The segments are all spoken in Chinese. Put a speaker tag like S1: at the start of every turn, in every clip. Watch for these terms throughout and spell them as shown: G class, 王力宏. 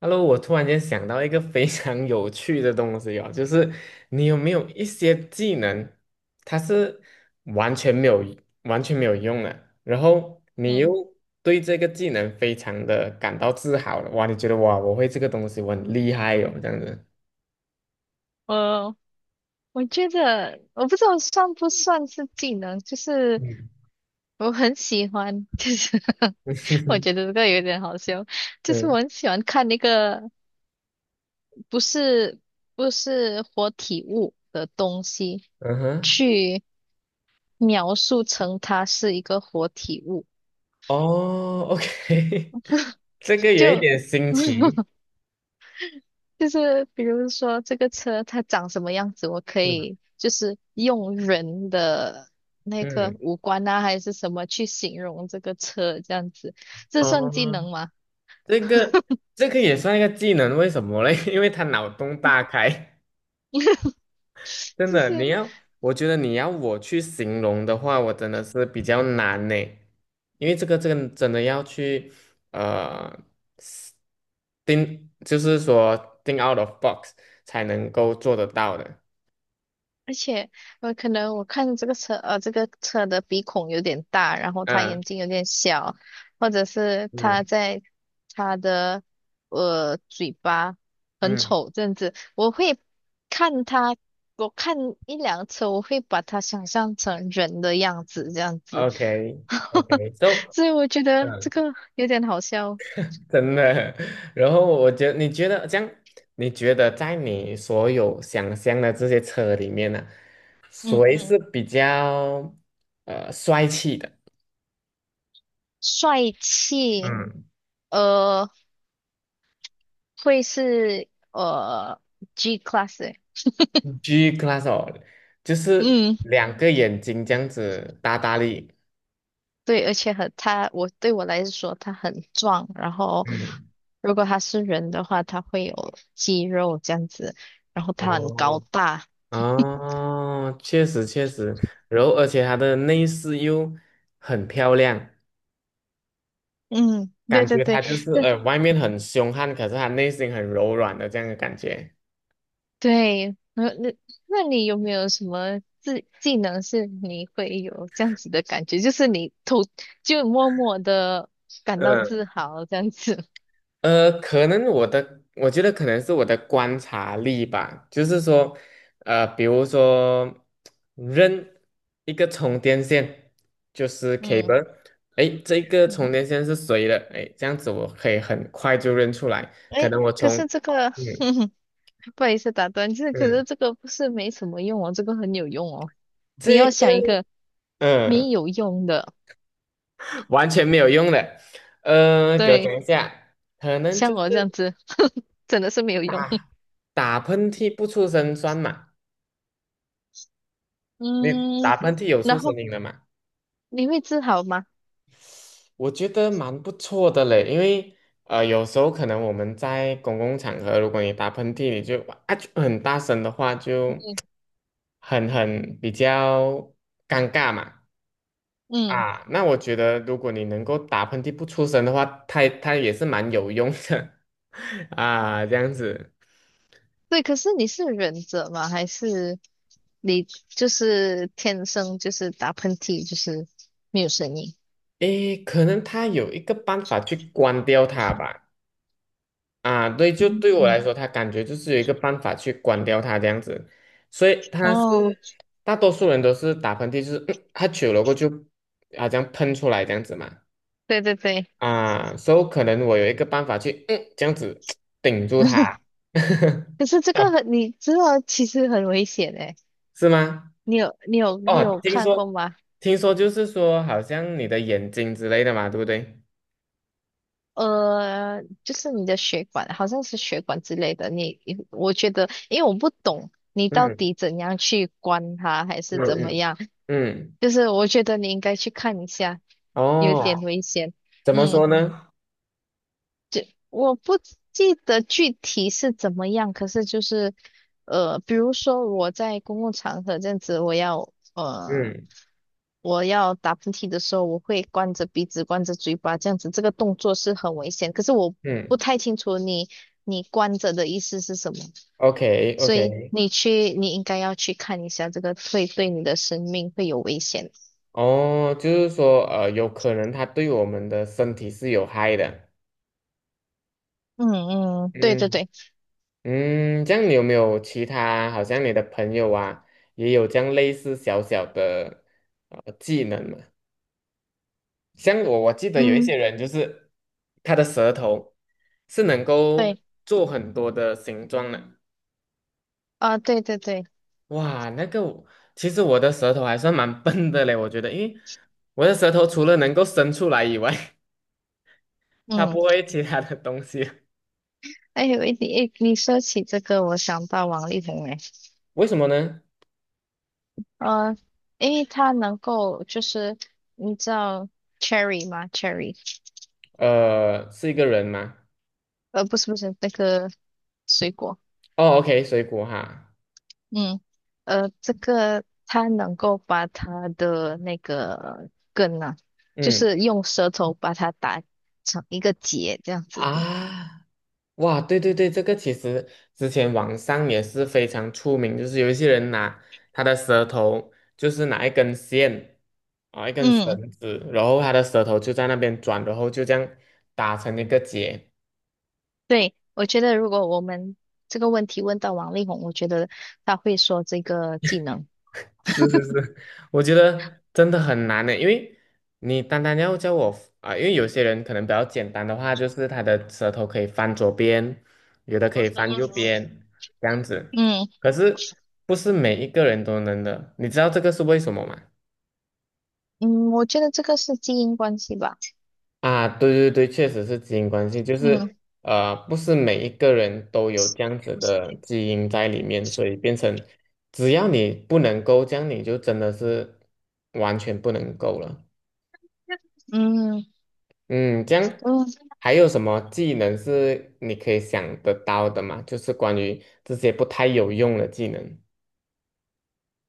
S1: Hello，我突然间想到一个非常有趣的东西哦，就是你有没有一些技能，它是完全没有完全没有用的，然后你又
S2: 嗯，
S1: 对这个技能非常的感到自豪了，哇，你觉得哇，我会这个东西，我很厉害哦，这样子。
S2: 我我觉得我不知道算不算是技能，就是
S1: 嗯，
S2: 我很喜欢，就是 我 觉得这个有点好笑，就是我
S1: 对，
S2: 很喜欢看那个不是不是活体物的东西，
S1: 嗯哼，
S2: 去描述成它是一个活体物，
S1: 哦，OK，这个有一
S2: 就
S1: 点新 奇
S2: 就是比如说这个车它长什么样子，我可
S1: 嗯，
S2: 以就是用人的那个
S1: 嗯，
S2: 五官啊，还是什么去形容这个车这样子，这算技
S1: 哦，
S2: 能吗？
S1: 这个这个也算一个技能，为什么嘞？因为他脑洞大开。真
S2: 就
S1: 的，你
S2: 是。
S1: 要，我觉得你要我去形容的话，我真的是比较难呢，因为这个真的要去呃定，就是说定 out of box 才能够做得到的。
S2: 而且我可能我看这个车，这个车的鼻孔有点大，然后他
S1: 嗯
S2: 眼睛有点小，或者是他
S1: 嗯
S2: 在他的嘴巴很
S1: 嗯
S2: 丑这样子，我会看他，我看一辆车，我会把它想象成人的样子这样子，
S1: ，OK OK，so
S2: 所以我觉得
S1: 嗯，
S2: 这个有点好笑。
S1: 真的。然后我觉得，你觉得在你所有想象的这些车里面呢、
S2: 嗯
S1: 谁
S2: 嗯，
S1: 是比较帅气的？
S2: 帅气，
S1: 嗯，
S2: 呃，会是G class 欸
S1: g class 哦，就是
S2: 嗯。
S1: 两个眼睛这样子大大力。
S2: 对，而且很他，我对我来说他很壮，然后
S1: 嗯，
S2: 如果他是人的话，他会有肌肉这样子，然后他很高
S1: 哦，
S2: 大。
S1: 哦，确实确实，然后而且它的内饰又很漂亮，
S2: 嗯，对
S1: 感
S2: 对
S1: 觉它
S2: 对，
S1: 就是
S2: 那
S1: 外面很凶悍，可是它内心很柔软的这样的感觉。
S2: 对，那你有没有什么技能是你会有这样子的感觉，就是你偷就默默的感到
S1: 嗯。
S2: 自豪这样子？
S1: 呃，可能我的，我觉得可能是我的观察力吧，就是说，比如说扔一个充电线，就是
S2: 嗯
S1: cable，哎，这个
S2: 嗯，
S1: 充电线是谁的？哎，这样子我可以很快就认出来，可
S2: 诶，
S1: 能我
S2: 可
S1: 从，
S2: 是这个
S1: 嗯
S2: 不好意思打断，就是可是
S1: 嗯，
S2: 这个不是没什么用哦，这个很有用哦。你
S1: 这
S2: 要想一
S1: 个
S2: 个
S1: 嗯
S2: 没有用的，
S1: 完全没有用的，给我
S2: 对，
S1: 讲一下，可能就
S2: 像
S1: 是
S2: 我这样子，真的是没有用。
S1: 打打喷嚏不出声算嘛，你
S2: 嗯，
S1: 打喷嚏有出
S2: 然
S1: 声
S2: 后
S1: 音的嘛？
S2: 你会治好吗？
S1: 我觉得蛮不错的嘞，因为有时候可能我们在公共场合，如果你打喷嚏，你就很大声的话，就很比较尴尬嘛。
S2: 嗯，
S1: 啊，那我觉得如果你能够打喷嚏不出声的话，它也是蛮有用的 啊，这样子。
S2: 对，可是你是忍者吗？还是你就是天生就是打喷嚏就是没有声音？
S1: 诶，可能它有一个办法去关掉它吧。啊，对，就
S2: 嗯
S1: 对我来
S2: 嗯
S1: 说，他感觉就是有一个办法去关掉它这样子，所以他
S2: 哦，
S1: 是大多数人都是打喷嚏，就是他久了过后就啊这喷出来这样子嘛，
S2: 对对对，
S1: 啊，所以可能我有一个办法去这样子 顶住它，
S2: 可是这个很，你知道其实很危险诶。
S1: 是吗？
S2: 你
S1: 哦，
S2: 有
S1: 听
S2: 看过
S1: 说
S2: 吗？
S1: 听说就是说好像你的眼睛之类的嘛，对不对？
S2: 就是你的血管，好像是血管之类的。你，我觉得，因为我不懂你到
S1: 嗯
S2: 底怎样去关它，还
S1: 嗯
S2: 是怎么
S1: 嗯
S2: 样，
S1: 嗯，
S2: 就是我觉得你应该去看一下，有点
S1: 哦，
S2: 危险。
S1: 怎么
S2: 嗯。
S1: 说呢？
S2: 我不记得具体是怎么样，可是就是，比如说我在公共场合这样子，
S1: 嗯
S2: 我要打喷嚏的时候，我会关着鼻子、关着嘴巴，这样子，这个动作是很危险。可是我不
S1: 嗯
S2: 太清楚你关着的意思是什么，
S1: ，OK
S2: 所以
S1: OK。
S2: 你应该要去看一下，这个会对你的生命会有危险。
S1: 哦，就是说，有可能它对我们的身体是有害的。
S2: 嗯嗯，对对
S1: 嗯
S2: 对，
S1: 嗯，这样你有没有其他，好像你的朋友啊，也有这样类似小小的技能嘛？像我记得有一
S2: 嗯
S1: 些人就是他的舌头是能够
S2: 对
S1: 做很多的形状的。
S2: 啊，对对对，
S1: 哇，那个我其实我的舌头还算蛮笨的嘞，我觉得，因为我的舌头除了能够伸出来以外，它
S2: 嗯。
S1: 不会其他的东西。
S2: 哎，有一点，哎，你说起这个，我想到王力宏哎，
S1: 为什么呢？
S2: 呃，因为他能够就是你知道 cherry 吗？cherry,
S1: 是一个人吗？
S2: 不是那个水果，
S1: 哦，OK，水果哈，
S2: 嗯，这个他能够把他的那个根啊，就
S1: 嗯
S2: 是用舌头把它打成一个结这样子。
S1: 啊，哇，对对对，这个其实之前网上也是非常出名，就是有一些人拿他的舌头，就是拿一根线啊，一根
S2: 嗯，
S1: 绳子，然后他的舌头就在那边转，然后就这样打成一个结，
S2: 对，我觉得如果我们这个问题问到王力宏，我觉得他会说这个技能。
S1: 是是是，我觉得真的很难呢，因为你单单要叫我啊、因为有些人可能比较简单的话，就是他的舌头可以翻左边，有的可以翻右边，这样子。
S2: 嗯
S1: 可是不是每一个人都能的，你知道这个是为什么吗？
S2: 嗯，我觉得这个是基因关系吧。
S1: 啊，对对对，确实是基因关系，就
S2: 嗯
S1: 是不是每一个人都有这样子的基因在里面，所以变成只要你不能够这样，你就真的是完全不能够了。
S2: 嗯
S1: 嗯，这样
S2: 嗯
S1: 还有什么技能是你可以想得到的吗？就是关于这些不太有用的技能。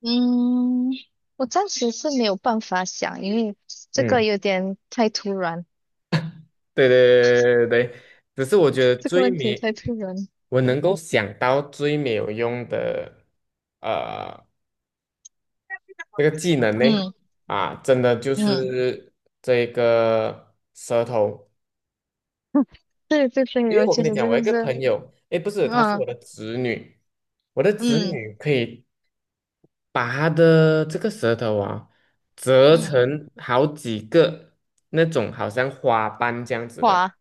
S2: 嗯，我暂时是没有办法想，因为这个
S1: 嗯，
S2: 有点太突然，
S1: 对对对对对，只是
S2: 这个问题太突然。
S1: 我能够想到最没有用的，呃，这个技能呢，
S2: 嗯
S1: 啊，真的就
S2: 嗯，
S1: 是这个舌头，
S2: 对对
S1: 因
S2: 对，
S1: 为
S2: 我
S1: 我
S2: 觉
S1: 跟你
S2: 得
S1: 讲，
S2: 这
S1: 我有
S2: 个
S1: 一个
S2: 是，
S1: 朋友，诶，不是，她是我
S2: 嗯
S1: 的侄女，我的侄
S2: 嗯
S1: 女可以把它的这个舌头啊，折
S2: 嗯，
S1: 成好几个那种好像花瓣这样子的。
S2: 哇，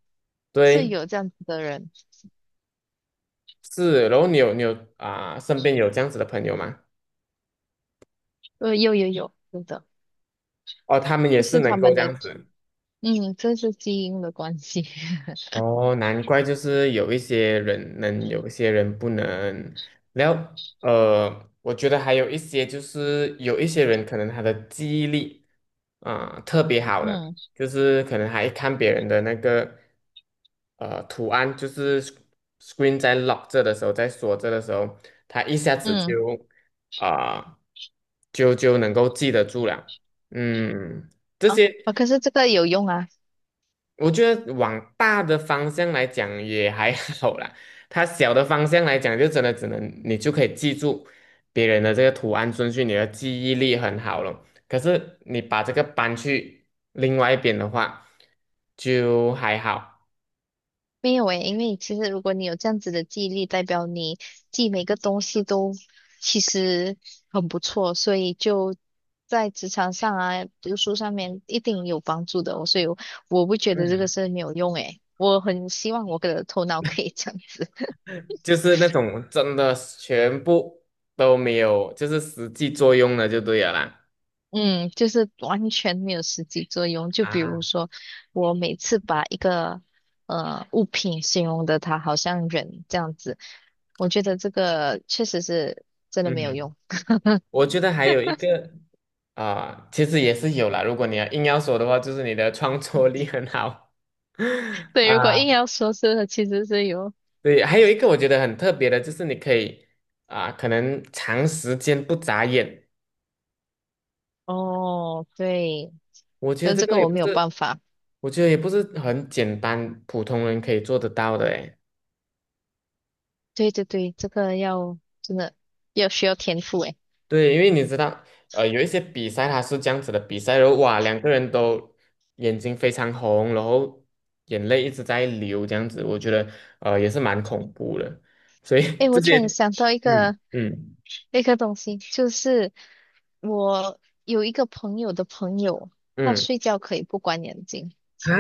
S2: 是
S1: 对，
S2: 有这样子的人，
S1: 是。然后你有你有啊、身边有这样子的朋友吗？
S2: 有有有，有的，
S1: 哦，他们也
S2: 这
S1: 是
S2: 是
S1: 能
S2: 他
S1: 够
S2: 们
S1: 这
S2: 的，
S1: 样子。
S2: 嗯，这是基因的关系。
S1: 哦，难怪就是有一些人能，有一些人不能。然后我觉得还有一些就是有一些人可能他的记忆力啊、特别好的。
S2: 嗯
S1: 就是可能还看别人的那个图案，就是 r e e n 在 lock 着的时候，在锁着的时候，它一下子就
S2: 嗯
S1: 啊、就就能够记得住了。嗯，这
S2: 啊
S1: 些
S2: 啊，可是这个有用啊。
S1: 我觉得往大的方向来讲也还 好啦，它小的方向来讲就真的只能你就可以记住别人的这个图案顺序，你的记忆力很好了。可是你把这个搬去另外一边的话，就还好。
S2: 没有诶，因为其实如果你有这样子的记忆力，代表你记每个东西都其实很不错，所以就在职场上啊、读书上面一定有帮助的哦。所以我，我不觉得这个
S1: 嗯。
S2: 是没有用诶，我很希望我的头脑可以这样子，
S1: 就是那种真的全部都没有，就是实际作用的就对了啦。
S2: 嗯，就是完全没有实际作用。就比
S1: 啊，
S2: 如说，我每次把一个物品形容的它好像人这样子，我觉得这个确实是真的没有
S1: 嗯，
S2: 用。
S1: 我觉得还有一个啊、其实也是有啦。如果你要硬要说的话，就是你的创作力很好
S2: 对，如果
S1: 啊。
S2: 硬要说是其实是有，
S1: 对，还有一个我觉得很特别的，就是你可以啊、可能长时间不眨眼，
S2: 哦，对，
S1: 我觉得
S2: 但
S1: 这
S2: 这
S1: 个
S2: 个
S1: 也
S2: 我
S1: 不
S2: 没有
S1: 是，
S2: 办法。
S1: 我觉得也不是很简单，普通人可以做得到的诶。
S2: 对对对，这个要真的要需要天赋诶。
S1: 对，因为你知道，有一些比赛它是这样子的，比赛然后哇，两个人都眼睛非常红，然后眼泪一直在流，这样子，我觉得也是蛮恐怖的。所以
S2: 诶，我
S1: 这
S2: 突
S1: 些，
S2: 然想到一
S1: 嗯
S2: 个
S1: 嗯
S2: 一个东西，就是我有一个朋友的朋友，他
S1: 嗯
S2: 睡觉可以不关眼睛，
S1: 啊，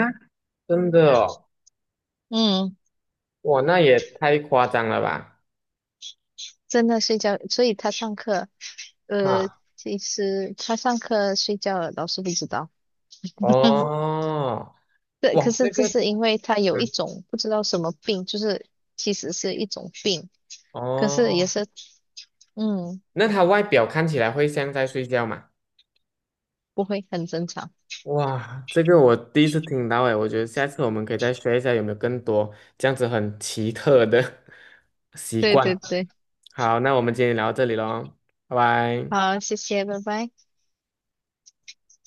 S1: 真的哦，
S2: 嗯，
S1: 哇，那也太夸张了吧？
S2: 真的睡觉，所以他上课，呃，
S1: 啊，
S2: 其实他上课睡觉了，老师不知道。
S1: 哦，
S2: 对，可
S1: 哇，
S2: 是
S1: 这
S2: 这
S1: 个，
S2: 是因为他有一
S1: 嗯，
S2: 种不知道什么病，就是其实是一种病，可是也
S1: 哦，
S2: 是，嗯，
S1: 那他外表看起来会像在睡觉吗？
S2: 不会，很正常。
S1: 哇，这个我第一次听到诶，我觉得下次我们可以再学一下有没有更多这样子很奇特的 习
S2: 对
S1: 惯。
S2: 对对，
S1: 好，那我们今天聊到这里喽，拜拜。
S2: 好，谢谢，拜拜。